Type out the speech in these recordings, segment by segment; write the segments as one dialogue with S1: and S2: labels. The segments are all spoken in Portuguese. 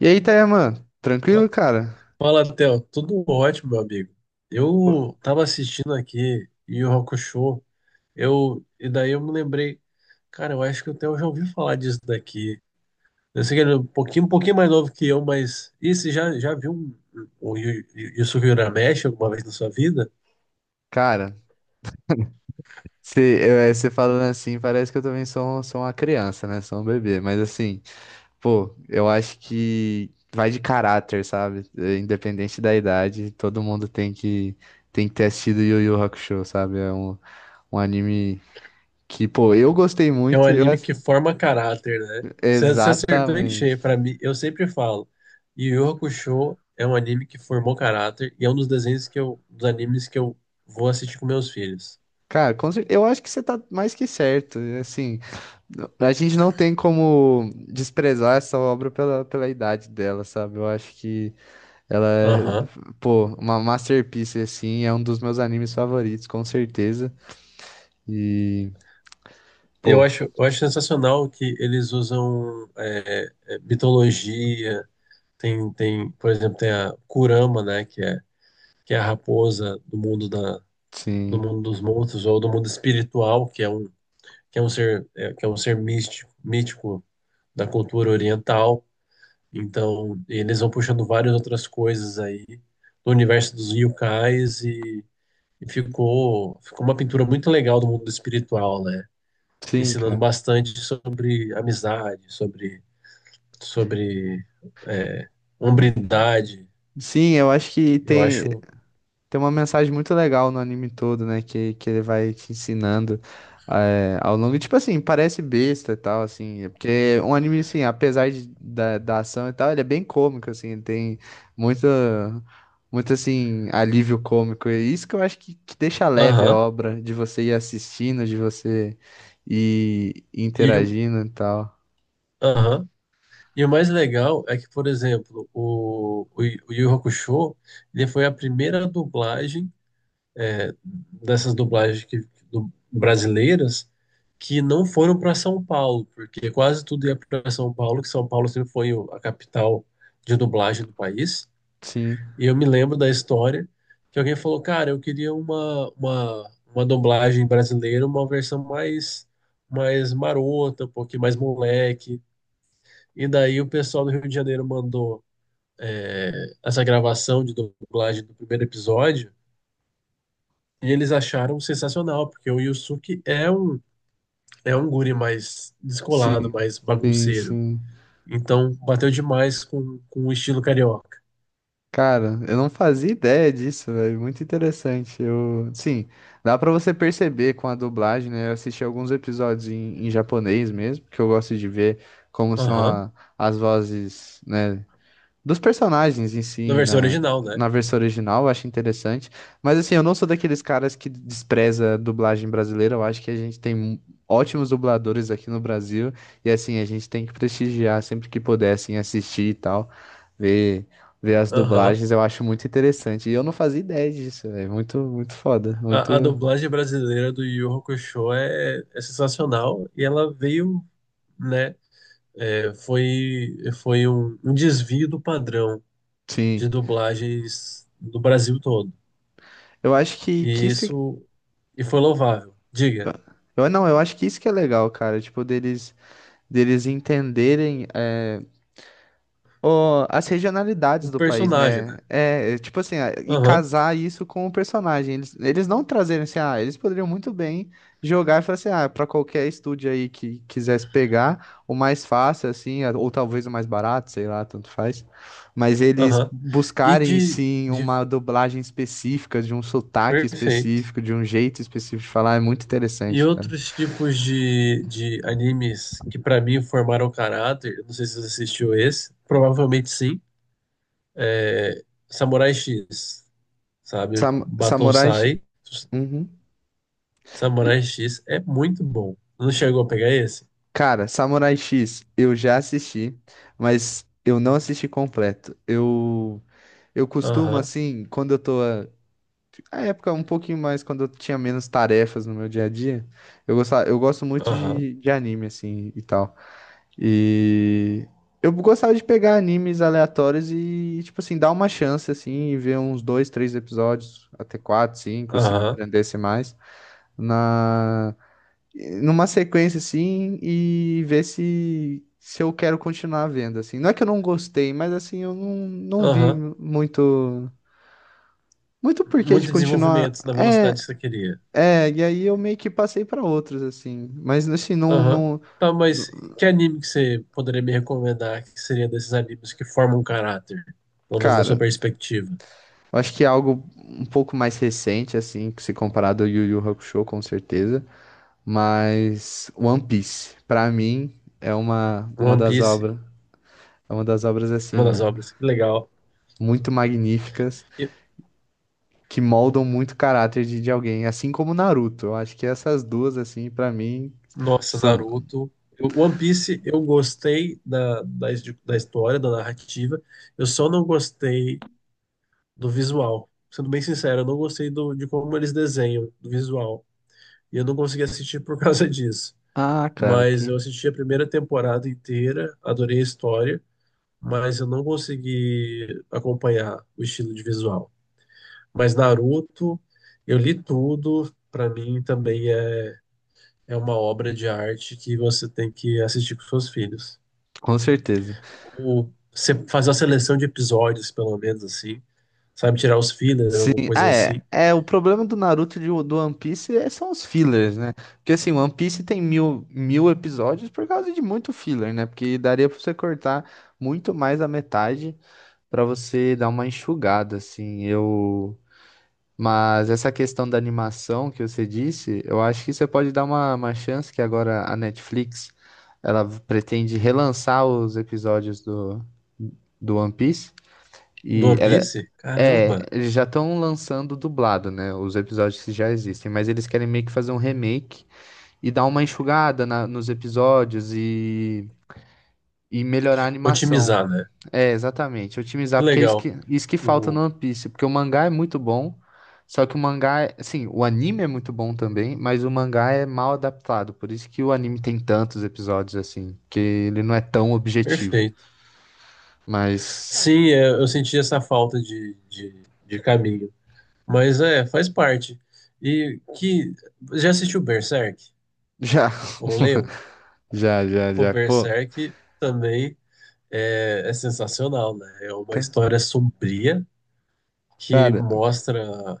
S1: E aí, Tayaman? Tranquilo,
S2: Fa-
S1: cara?
S2: Fala, Theo. Tudo ótimo, meu amigo.
S1: Pô.
S2: Eu tava assistindo aqui Yu Yu Hakusho, e daí eu me lembrei, cara, eu acho que o Theo já ouviu falar disso daqui. Eu sei que ele é um pouquinho mais novo que eu, mas e você já viu o Yusuke Urameshi alguma vez na sua vida?
S1: Cara, você falando assim, parece que eu também sou, sou uma criança, né? Sou um bebê. Mas assim, pô, eu acho que vai de caráter, sabe? Independente da idade, todo mundo tem que ter assistido Yu Yu Hakusho, sabe? Um anime que, pô, eu gostei
S2: É um
S1: muito.
S2: anime que forma caráter, né? Você acertou em
S1: Exatamente.
S2: cheio, pra mim, eu sempre falo, Yu Yu Hakusho é um anime que formou caráter e é um dos desenhos que dos animes que eu vou assistir com meus filhos.
S1: Cara, eu acho que você tá mais que certo. Assim, a gente não tem como desprezar essa obra pela idade dela, sabe? Eu acho que ela é,
S2: Aham.
S1: pô, uma masterpiece, assim, é um dos meus animes favoritos, com certeza. E, pô,
S2: Eu acho sensacional que eles usam mitologia. Tem, por exemplo, tem a Kurama, né, que é a raposa do
S1: sim,
S2: mundo dos monstros ou do mundo espiritual, que é um ser místico, mítico da cultura oriental. Então, eles vão puxando várias outras coisas aí do universo dos yokais e, ficou uma pintura muito legal do mundo espiritual, né?
S1: sim,
S2: Ensinando
S1: cara.
S2: bastante sobre amizade, sobre é, hombridade.
S1: Sim, eu acho que
S2: Eu
S1: tem.
S2: acho.
S1: Tem uma mensagem muito legal no anime todo, né? Que ele vai te ensinando ao longo. Tipo assim, parece besta e tal, assim. Porque um anime, assim, apesar da ação e tal, ele é bem cômico, assim. Ele tem muito, muito, assim, alívio cômico. E é isso que eu acho que deixa leve a
S2: Aham.
S1: obra, de você ir assistindo, de você ir
S2: E, o-
S1: interagindo e tal.
S2: aham. E o mais legal é que, por exemplo, o Yu Hakusho, ele foi a primeira dublagem dessas dublagens brasileiras que não foram para São Paulo, porque quase tudo ia para São Paulo, que São Paulo sempre foi a capital de dublagem do país.
S1: Sim,
S2: E eu me lembro da história que alguém falou, cara, eu queria uma dublagem brasileira, uma versão mais marota, um pouquinho mais moleque. E daí o pessoal do Rio de Janeiro mandou essa gravação de dublagem do primeiro episódio e eles acharam sensacional, porque o Yusuke é um guri mais descolado,
S1: sim,
S2: mais
S1: sim,
S2: bagunceiro.
S1: sim.
S2: Então bateu demais com o estilo carioca.
S1: Cara, eu não fazia ideia disso, velho. Muito interessante. Eu, sim, dá pra você perceber com a dublagem, né? Eu assisti alguns episódios em japonês mesmo, porque eu gosto de ver como são
S2: Aham.
S1: a- as vozes, né? dos personagens em
S2: Da
S1: si
S2: versão original, né?
S1: na versão original, eu acho interessante. Mas assim, eu não sou daqueles caras que despreza a dublagem brasileira, eu acho que a gente tem ótimos dubladores aqui no Brasil e assim, a gente tem que prestigiar sempre que puder, assim, assistir e tal, ver, ver as
S2: Aham.
S1: dublagens, eu acho muito interessante. E eu não fazia ideia disso, é muito, muito foda, muito,
S2: A dublagem brasileira do Yu Yu Hakusho é sensacional e ela veio, né? Foi um desvio do padrão
S1: sim.
S2: de dublagens do Brasil todo.
S1: Eu acho que
S2: E
S1: isso é,
S2: isso e foi louvável. Diga,
S1: eu, não, eu acho que isso que é legal, cara. Tipo, deles entenderem as regionalidades
S2: o
S1: do país,
S2: personagem,
S1: né?
S2: né?
S1: Tipo assim, ah, e
S2: Aham,
S1: casar isso com o personagem. Eles não trazerem assim, ah, eles poderiam muito bem jogar e falar assim, ah, pra qualquer estúdio aí que quisesse pegar, o mais fácil, assim, ah, ou talvez o mais barato, sei lá, tanto faz. Mas eles
S2: aham. E
S1: buscarem,
S2: de,
S1: sim,
S2: de.
S1: uma dublagem específica, de um sotaque
S2: Perfeito.
S1: específico, de um jeito específico de falar, é muito
S2: E
S1: interessante, cara.
S2: outros tipos de animes que pra mim formaram caráter, eu não sei se você assistiu esse, provavelmente sim Samurai X, sabe? Batou
S1: Samurai.
S2: Sai,
S1: Uhum.
S2: Samurai X é muito bom. Não chegou a pegar esse?
S1: Cara, Samurai X, eu já assisti, mas eu não assisti completo. Eu costumo
S2: Aham,
S1: assim, quando eu tô na época um pouquinho mais quando eu tinha menos tarefas no meu dia a dia, eu gosto muito
S2: aham,
S1: de anime assim e tal. E eu gostava de pegar animes aleatórios e tipo assim, dar uma chance assim e ver uns dois, três episódios, até quatro, cinco, se me
S2: aham,
S1: prendesse mais na numa sequência assim e ver se eu quero continuar vendo assim. Não é que eu não gostei, mas assim eu não vi
S2: aham.
S1: muito muito porquê de
S2: Muito
S1: continuar.
S2: desenvolvimento na velocidade que você queria.
S1: E aí eu meio que passei pra outros assim, mas assim não
S2: Aham.
S1: não,
S2: Tá, mas que anime que você poderia me recomendar que seria desses animes que formam um caráter? Pelo menos na sua
S1: cara,
S2: perspectiva.
S1: eu acho que é algo um pouco mais recente assim, que se comparado ao Yu Yu Hakusho com certeza, mas One Piece pra mim é uma
S2: One
S1: das
S2: Piece,
S1: obras, é uma das obras
S2: uma
S1: assim
S2: das obras. Que legal.
S1: muito magníficas
S2: E-
S1: que moldam muito o caráter de alguém, assim como Naruto. Eu acho que essas duas, assim, pra mim,
S2: Nossa,
S1: são.
S2: Naruto. One Piece, eu gostei da história, da narrativa. Eu só não gostei do visual. Sendo bem sincero, eu não gostei de como eles desenham, do visual. E eu não consegui assistir por causa disso.
S1: Ah, cara,
S2: Mas eu
S1: que.
S2: assisti a primeira temporada inteira, adorei a história, mas eu não consegui acompanhar o estilo de visual. Mas Naruto, eu li tudo, pra mim também É uma obra de arte que você tem que assistir com seus filhos.
S1: Com certeza.
S2: Ou se- Fazer uma seleção de episódios, pelo menos assim, sabe? Tirar os fillers,
S1: Sim,
S2: alguma coisa
S1: ah,
S2: assim.
S1: é. É, o problema do Naruto e do One Piece são os fillers, né? Porque assim, One Piece tem mil, mil episódios por causa de muito filler, né? Porque daria pra você cortar muito mais a metade pra você dar uma enxugada, assim. Eu. Mas essa questão da animação que você disse, eu acho que você pode dar uma chance que agora a Netflix ela pretende relançar os episódios do One Piece.
S2: Do
S1: E
S2: One
S1: ela,
S2: Piece?
S1: é,
S2: Caramba!
S1: eles já estão lançando dublado, né? Os episódios que já existem, mas eles querem meio que fazer um remake e dar uma enxugada nos episódios e melhorar a animação.
S2: Otimizar, né?
S1: É, exatamente. Otimizar,
S2: Que
S1: porque é isso
S2: legal.
S1: isso que falta
S2: O...
S1: no One Piece. Porque o mangá é muito bom, só que o mangá, assim, o anime é muito bom também, mas o mangá é mal adaptado. Por isso que o anime tem tantos episódios, assim, que ele não é tão objetivo.
S2: Perfeito.
S1: Mas
S2: Sim, eu senti essa falta de caminho. Mas é, faz parte. E que. Já assistiu Berserk?
S1: já,
S2: Ou leu? Pô,
S1: já. Pô,
S2: Berserk também é sensacional, né? É uma
S1: ca-
S2: história sombria que
S1: cara.
S2: mostra.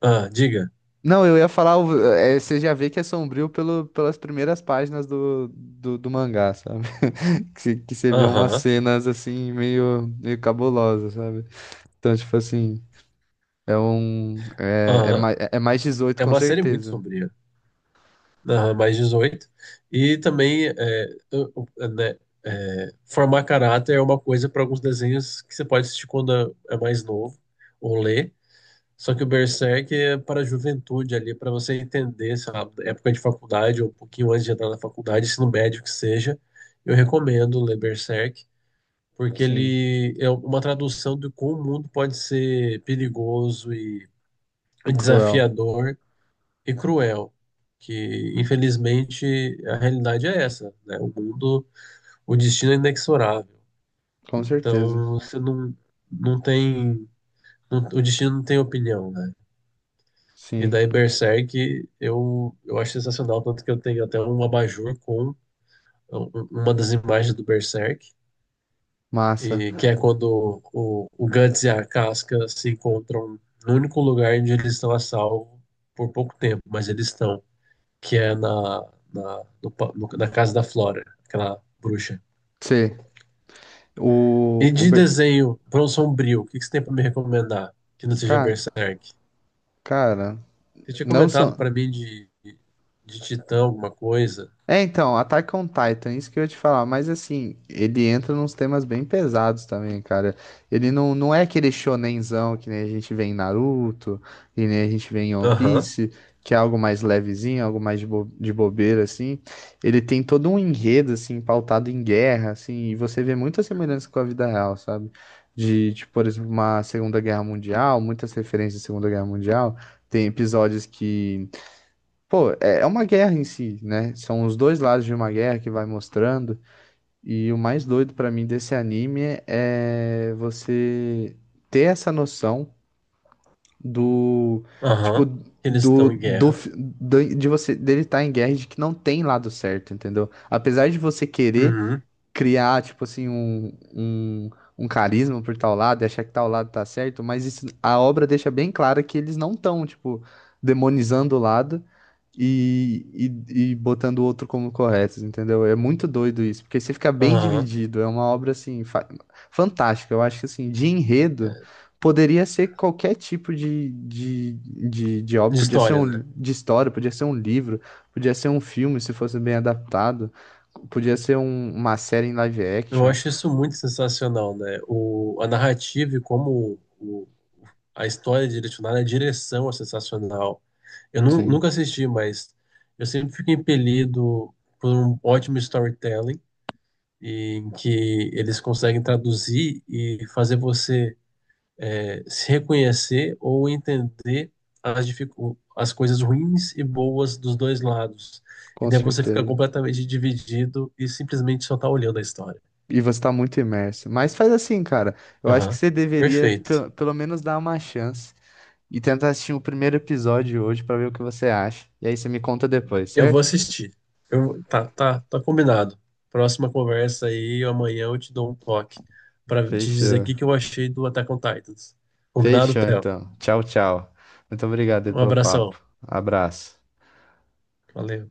S2: Ah, diga.
S1: Não, eu ia falar, você já vê que é sombrio pelo, pelas primeiras páginas do mangá, sabe? Que você vê umas
S2: Aham,
S1: cenas assim meio, meio cabulosas, sabe? Então, tipo assim, é um.
S2: aham.
S1: É mais 18,
S2: É
S1: com
S2: uma série muito
S1: certeza.
S2: sombria. Aham, mais 18. E também, eu- eu- né, formar caráter é uma coisa para alguns desenhos que você pode assistir quando é mais novo ou ler. Só que o Berserk é para a juventude ali, para você entender, sei lá, época de faculdade ou um pouquinho antes de entrar na faculdade, ensino médio que seja. Eu recomendo ler Berserk. Porque
S1: Sim.
S2: ele é uma tradução de como o mundo pode ser perigoso e
S1: E cruel.
S2: desafiador e cruel, que infelizmente a realidade é essa, né? O mundo, o destino é inexorável.
S1: Com certeza.
S2: Então você não, não tem, o destino não tem opinião, né? E
S1: Sim.
S2: daí Berserk eu acho sensacional, tanto que eu tenho até um abajur com uma das imagens do Berserk.
S1: Massa.
S2: E que é quando o Guts e a Casca se encontram no único lugar onde eles estão a salvo por pouco tempo, mas eles estão, que é na, na, no pa- no- na casa da Flora, aquela bruxa.
S1: C. O.
S2: E de desenho, para um sombrio, o que que você tem para me recomendar que não seja
S1: Ca-
S2: Berserk?
S1: cara,
S2: Você tinha
S1: não
S2: comentado
S1: são.
S2: para mim de Titã, alguma coisa.
S1: É, então, Attack on Titan, isso que eu ia te falar, mas assim, ele entra nos temas bem pesados também, cara. Ele não é aquele shonenzão que nem a gente vê em Naruto, que nem a gente vê em One
S2: Aham,
S1: Piece, que é algo mais levezinho, algo mais de bobeira, assim. Ele tem todo um enredo, assim, pautado em guerra, assim, e você vê muita semelhança com a vida real, sabe? Por exemplo, uma Segunda Guerra Mundial, muitas referências à Segunda Guerra Mundial. Tem episódios que pô, é é uma guerra em si, né? São os dois lados de uma guerra que vai mostrando. E o mais doido pra mim desse anime é você ter essa noção do, tipo,
S2: aham. Que eles estão em guerra.
S1: de você dele estar em guerra e de que não tem lado certo, entendeu? Apesar de você querer
S2: Uhum,
S1: criar, tipo assim, um, um carisma por tal lado, e achar que tal lado tá certo, mas isso- a obra deixa bem clara que eles não estão, tipo, demonizando o lado e, e botando o outro como correto, entendeu? É muito doido isso, porque você fica bem
S2: aham.
S1: dividido, é uma obra, assim, fantástica, eu acho que, assim, de enredo...
S2: É.
S1: Poderia ser qualquer tipo de obra,
S2: De
S1: podia ser
S2: história,
S1: um,
S2: né?
S1: de história, podia ser um livro, podia ser um filme, se fosse bem adaptado. Podia ser uma série em live
S2: Eu
S1: action,
S2: acho isso muito sensacional, né? A narrativa e a história é direcionada, a direção é sensacional. Eu
S1: sim,
S2: nunca assisti, mas eu sempre fico impelido por um ótimo storytelling em que eles conseguem traduzir e fazer você se reconhecer ou entender as coisas ruins e boas dos dois lados. E
S1: com
S2: daí você fica
S1: certeza.
S2: completamente dividido e simplesmente só tá olhando a história.
S1: E você tá muito imerso. Mas faz assim, cara. Eu acho que
S2: Aham.
S1: você deveria
S2: Perfeito.
S1: pelo menos dar uma chance e tentar assistir o primeiro episódio hoje pra ver o que você acha. E aí você me conta depois,
S2: Eu vou
S1: certo?
S2: assistir. Tá, tá, tá combinado. Próxima conversa aí, amanhã eu te dou um toque para te dizer o
S1: Fechou.
S2: que que eu achei do Attack on Titans. Combinado,
S1: Fechou,
S2: Theo?
S1: então. Tchau, tchau. Muito obrigado aí
S2: Um
S1: pelo
S2: abração.
S1: papo. Abraço.
S2: Valeu.